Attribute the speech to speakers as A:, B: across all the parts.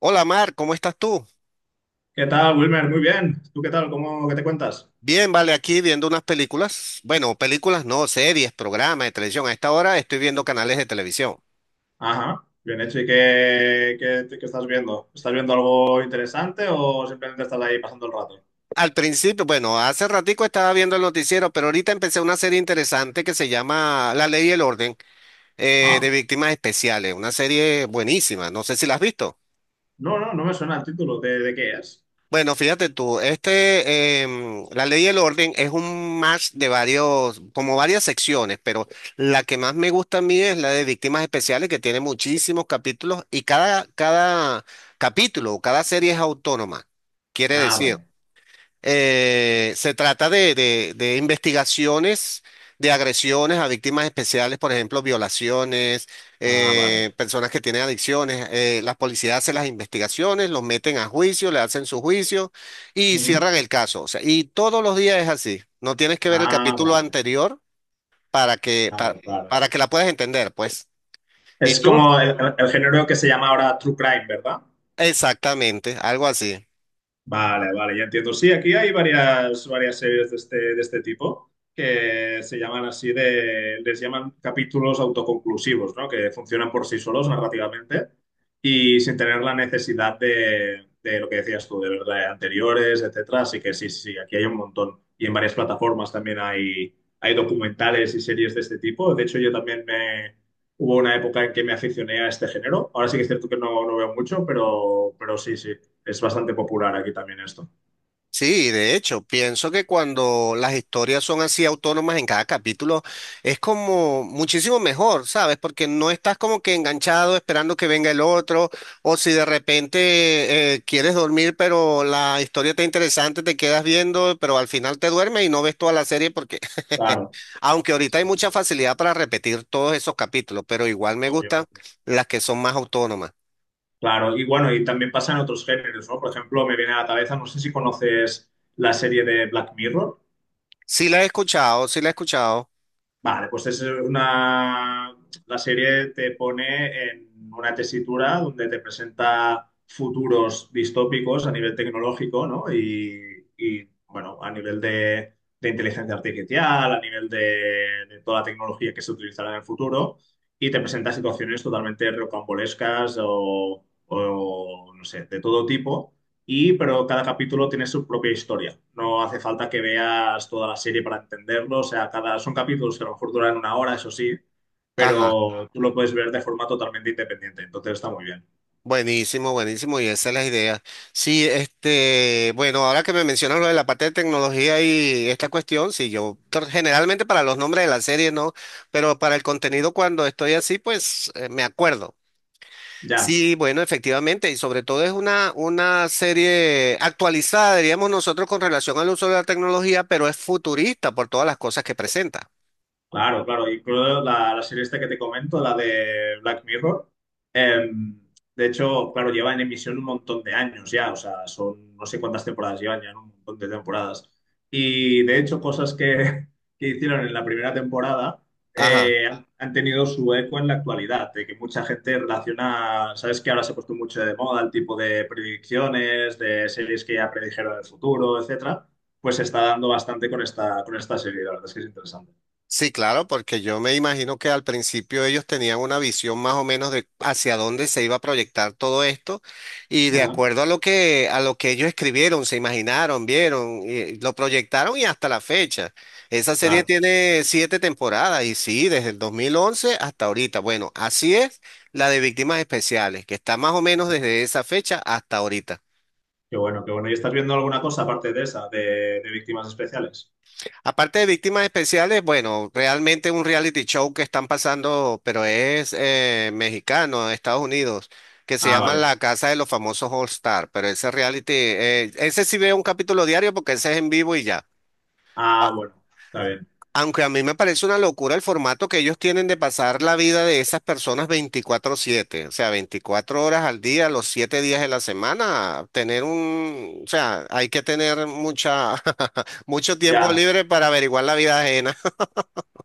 A: Hola Mar, ¿cómo estás tú?
B: ¿Qué tal, Wilmer? Muy bien. ¿Tú qué tal? ¿Qué te cuentas?
A: Bien, vale, aquí viendo unas películas. Bueno, películas no, series, programas de televisión. A esta hora estoy viendo canales de televisión.
B: Ajá, bien hecho. ¿Y qué estás viendo? ¿Estás viendo algo interesante o simplemente estás ahí pasando el rato?
A: Al principio, bueno, hace ratico estaba viendo el noticiero, pero ahorita empecé una serie interesante que se llama La Ley y el Orden de
B: ¿Ah?
A: Víctimas Especiales. Una serie buenísima, no sé si la has visto.
B: No, no, no me suena el título. ¿De qué es?
A: Bueno, fíjate tú, este, la ley y el orden es un match de varios, como varias secciones, pero la que más me gusta a mí es la de víctimas especiales, que tiene muchísimos capítulos y cada capítulo o cada serie es autónoma. Quiere
B: Ah,
A: decir,
B: vale.
A: se trata de, de investigaciones de agresiones a víctimas especiales, por ejemplo, violaciones,
B: Ah, vale.
A: personas que tienen adicciones. Las policías hacen las investigaciones, los meten a juicio, le hacen su juicio y
B: Ujú.
A: cierran el caso. O sea, y todos los días es así. No tienes que ver el
B: Ah,
A: capítulo
B: vale.
A: anterior para que,
B: Vale, vale.
A: para que la puedas entender, pues. ¿Y
B: Es
A: tú?
B: como el género que se llama ahora True Crime, ¿verdad?
A: Exactamente, algo así.
B: Vale, vale, ya entiendo. Sí, aquí hay varias series de este tipo que se llaman así de, les llaman capítulos autoconclusivos, ¿no? Que funcionan por sí solos narrativamente y sin tener la necesidad de lo que decías tú, de ver de anteriores, etcétera. Así que sí, sí, sí, aquí hay un montón. Y en varias plataformas también hay documentales y series de este tipo. De hecho, hubo una época en que me aficioné a este género. Ahora sí que es cierto que no, no veo mucho, pero sí, sí. Es bastante popular aquí también esto.
A: Sí, de hecho, pienso que cuando las historias son así autónomas en cada capítulo, es como muchísimo mejor, ¿sabes? Porque no estás como que enganchado esperando que venga el otro, o si de repente quieres dormir, pero la historia está interesante, te quedas viendo, pero al final te duermes y no ves toda la serie porque,
B: Claro,
A: aunque ahorita
B: sí,
A: hay
B: sí,
A: mucha facilidad para repetir todos esos capítulos, pero igual me
B: obvio,
A: gustan
B: obvio.
A: las que son más autónomas.
B: Claro, y bueno, y también pasa en otros géneros, ¿no? Por ejemplo, me viene a la cabeza, no sé si conoces la serie de Black Mirror.
A: Sí la he escuchado, sí la he escuchado.
B: Vale, pues es una... La serie te pone en una tesitura donde te presenta futuros distópicos a nivel tecnológico, ¿no? Y bueno, a nivel de inteligencia artificial, a nivel de toda la tecnología que se utilizará en el futuro, y te presenta situaciones totalmente rocambolescas o no sé, de todo tipo. Y, pero cada capítulo tiene su propia historia. No hace falta que veas toda la serie para entenderlo. O sea, cada, son capítulos que a lo mejor duran una hora, eso sí,
A: Ajá.
B: pero tú lo puedes ver de forma totalmente independiente. Entonces está muy bien.
A: Buenísimo, buenísimo, y esa es la idea. Sí, este, bueno, ahora que me mencionas lo de la parte de tecnología y esta cuestión, sí, generalmente para los nombres de las series no, pero para el contenido cuando estoy así, pues me acuerdo.
B: Ya.
A: Sí, bueno, efectivamente, y sobre todo es una serie actualizada, diríamos nosotros, con relación al uso de la tecnología, pero es futurista por todas las cosas que presenta.
B: Claro, claro. Incluso la serie esta que te comento, la de Black Mirror, eh, de hecho, claro, lleva en emisión un montón de años ya, o sea, son no sé cuántas temporadas llevan ya, ¿no? Un montón de temporadas. Y de hecho, cosas que que hicieron en la primera temporada
A: Ajá.
B: han tenido su eco en la actualidad, de que mucha gente relaciona, sabes que ahora se ha puesto mucho de moda el tipo de predicciones, de series que ya predijeron el futuro, etcétera, pues se está dando bastante con esta serie, la verdad es que es interesante.
A: Sí, claro, porque yo me imagino que al principio ellos tenían una visión más o menos de hacia dónde se iba a proyectar todo esto y de
B: Ajá.
A: acuerdo a lo que ellos escribieron, se imaginaron, vieron, y lo proyectaron y hasta la fecha. Esa serie
B: Claro.
A: tiene 7 temporadas y sí, desde el 2011 hasta ahorita. Bueno, así es la de Víctimas Especiales, que está más o menos
B: Ajá.
A: desde esa fecha hasta ahorita.
B: Qué bueno, qué bueno. ¿Y estás viendo alguna cosa aparte de esa, de, víctimas especiales?
A: Aparte de víctimas especiales, bueno, realmente un reality show que están pasando, pero es mexicano, de Estados Unidos, que se
B: Ah,
A: llama
B: vale.
A: La Casa de los Famosos All Star. Pero ese reality, ese sí veo un capítulo diario porque ese es en vivo y ya. A-
B: Ah, bueno, está bien.
A: Aunque a mí me parece una locura el formato que ellos tienen de pasar la vida de esas personas 24/7, o sea, 24 horas al día, los 7 días de la semana, tener un, o sea, hay que tener mucha, mucho tiempo
B: Ya.
A: libre para averiguar la vida ajena.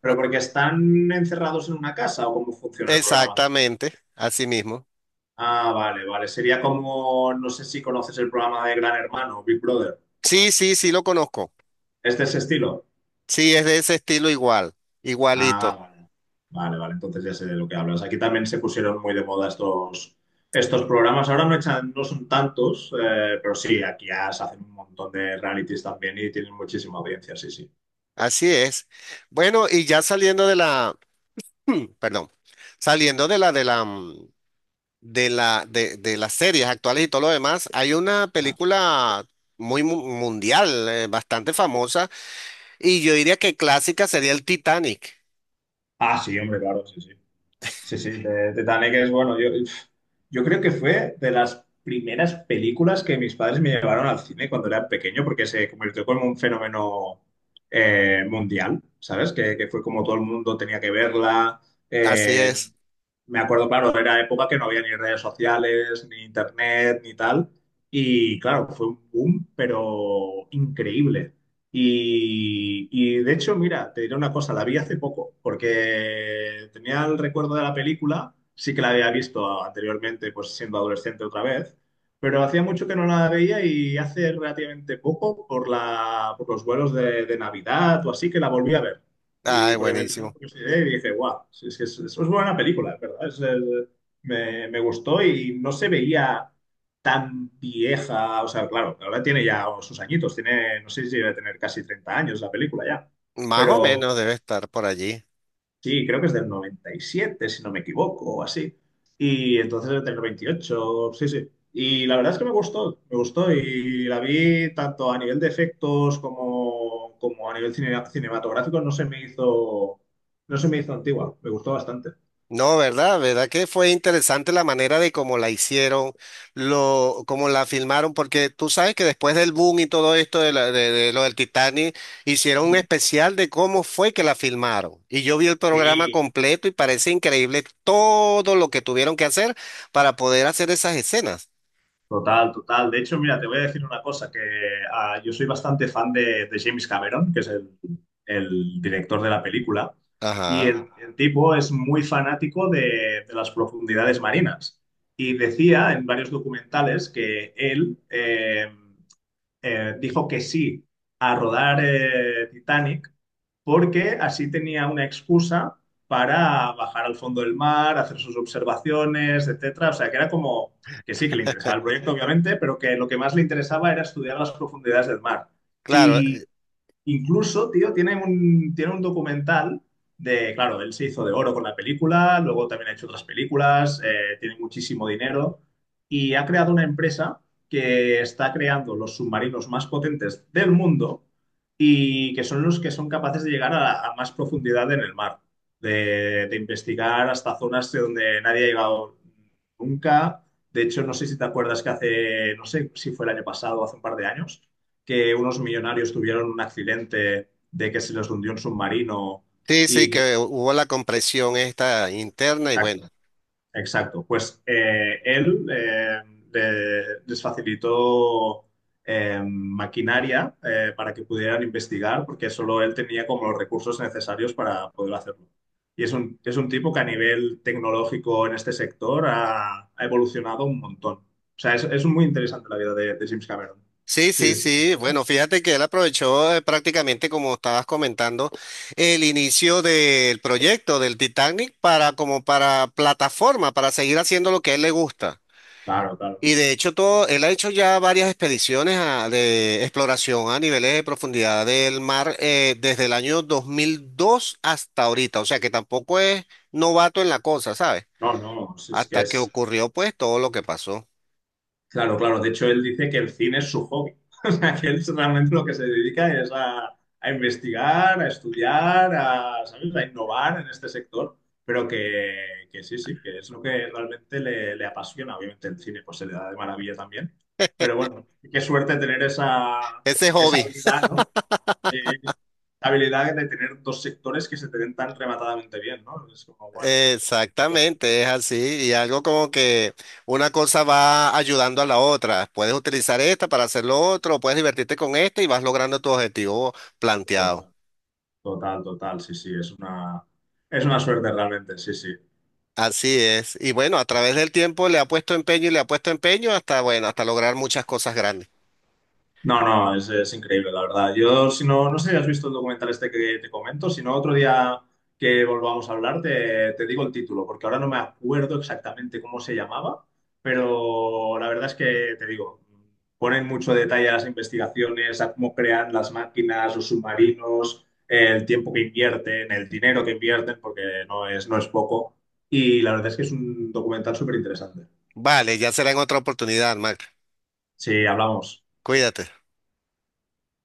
B: ¿Pero porque están encerrados en una casa o cómo funciona el programa?
A: Exactamente, así mismo.
B: Ah, vale, vale. Sería como, no sé si conoces el programa de Gran Hermano, Big Brother.
A: Sí, sí, sí lo conozco.
B: ¿Este es de ese estilo?
A: Sí, es de ese estilo igual, igualito.
B: Ah, vale. Vale, vale. Entonces ya sé de lo que hablas. Aquí también se pusieron muy de moda estos programas. Ahora no echan, no son tantos, pero sí, aquí ya se hacen un montón de realities también y tienen muchísima audiencia, sí, sí.
A: Así es. Bueno, y ya saliendo de la, perdón, saliendo de de la de las series actuales y todo lo demás, hay una
B: Ajá.
A: película mundial, bastante famosa, y yo diría que clásica sería el Titanic.
B: Ah, sí, hombre, claro, sí, sí. Sí, sí, Titanic es bueno. Yo creo que fue de las primeras películas que mis padres me llevaron al cine cuando era pequeño, porque se convirtió como un fenómeno mundial, ¿sabes? Que fue como todo el mundo tenía que verla.
A: Así
B: eh,
A: es.
B: Me acuerdo, claro, era época que no había ni redes sociales, ni internet, ni tal. Y claro, fue un boom, pero increíble. Y de hecho, mira, te diré una cosa, la vi hace poco, porque tenía el recuerdo de la película, sí que la había visto anteriormente, pues siendo adolescente otra vez, pero hacía mucho que no la veía y hace relativamente poco, por los vuelos de Navidad o así, que la volví a ver. Y
A: Ay,
B: porque me pidió la
A: buenísimo.
B: curiosidad y dije, guau, sí, sí, es buena película, ¿verdad? Es, me gustó y no se veía tan vieja. O sea, claro, ahora tiene ya sus añitos, tiene, no sé si debe tener casi 30 años la película ya.
A: Más o
B: Pero,
A: menos debe estar por allí.
B: sí, creo que es del 97, si no me equivoco, o así. Y entonces es del 28, sí, sí. Y la verdad es que me gustó y la vi tanto a nivel de efectos como, como a nivel cinematográfico, no se me hizo antigua, me gustó bastante.
A: No, ¿verdad? ¿Verdad que fue interesante la manera de cómo la hicieron, lo, cómo la filmaron? Porque tú sabes que después del boom y todo esto de, de lo del Titanic, hicieron un especial de cómo fue que la filmaron. Y yo vi el programa
B: Sí,
A: completo y parece increíble todo lo que tuvieron que hacer para poder hacer esas escenas.
B: total, total. De hecho, mira, te voy a decir una cosa, que ah, yo soy bastante fan de, James Cameron, que es el director de la película, y
A: Ajá.
B: el tipo es muy fanático de, las profundidades marinas. Y decía en varios documentales que él dijo que sí a rodar Titanic porque así tenía una excusa para bajar al fondo del mar, hacer sus observaciones, etcétera. O sea, que era como que sí, que le interesaba el proyecto, obviamente, pero que lo que más le interesaba era estudiar las profundidades del mar.
A: Claro,
B: Incluso, tío, tiene un documental de, claro, él se hizo de oro con la película, luego también ha hecho otras películas, tiene muchísimo dinero y ha creado una empresa que está creando los submarinos más potentes del mundo y que son los que son capaces de llegar a, más profundidad en el mar, de, investigar hasta zonas de donde nadie ha llegado nunca. De hecho, no sé si te acuerdas que hace, no sé si fue el año pasado o hace un par de años que unos millonarios tuvieron un accidente de que se les hundió un submarino
A: sí, sí,
B: y que...
A: que hubo la compresión esta interna y bueno.
B: Exacto, exacto. Pues él les facilitó maquinaria para que pudieran investigar, porque solo él tenía como los recursos necesarios para poder hacerlo. Y es un, tipo que a nivel tecnológico en este sector ha evolucionado un montón. O sea, es muy interesante la vida de, James Cameron.
A: Sí,
B: Sí,
A: sí,
B: sí, sí.
A: sí. Bueno, fíjate que él aprovechó prácticamente, como estabas comentando, el inicio del proyecto del Titanic para como para plataforma, para seguir haciendo lo que a él le gusta.
B: Claro, claro.
A: Y de hecho todo, él ha hecho ya varias expediciones de exploración a niveles de profundidad del mar desde el año 2002 hasta ahorita. O sea que tampoco es novato en la cosa, ¿sabes?
B: No, no, si es que
A: Hasta que
B: es,
A: ocurrió pues todo lo que pasó.
B: claro, claro. De hecho, él dice que el cine es su hobby. O sea, que él es realmente lo que se dedica es a, investigar, a estudiar, a, ¿sabes? A innovar en este sector. Pero que sí, sí, que es lo que realmente le apasiona. Obviamente el cine pues se le da de maravilla también. Pero bueno, qué suerte tener esa,
A: Ese
B: esa
A: hobby.
B: habilidad, ¿no? Eh, la habilidad de tener dos sectores que se te den tan rematadamente bien, ¿no? Es como, bueno,
A: Exactamente, es así. Y algo como que una cosa va ayudando a la otra. Puedes utilizar esta para hacer lo otro, puedes divertirte con esta y vas logrando tu objetivo planteado.
B: total, total, total, sí, sí, es una suerte realmente, sí, sí.
A: Así es. Y bueno, a través del tiempo le ha puesto empeño y le ha puesto empeño hasta, bueno, hasta lograr muchas cosas grandes.
B: No, no, es increíble, la verdad. Yo, si no, no sé si has visto el documental este que te comento, si no, otro día que volvamos a hablar te digo el título, porque ahora no me acuerdo exactamente cómo se llamaba, pero la verdad es que te digo, ponen mucho detalle a las investigaciones, a cómo crean las máquinas, los submarinos, el tiempo que invierten, el dinero que invierten, porque no es poco. Y la verdad es que es un documental súper interesante.
A: Vale, ya será en otra oportunidad, Mac.
B: Sí, hablamos.
A: Cuídate.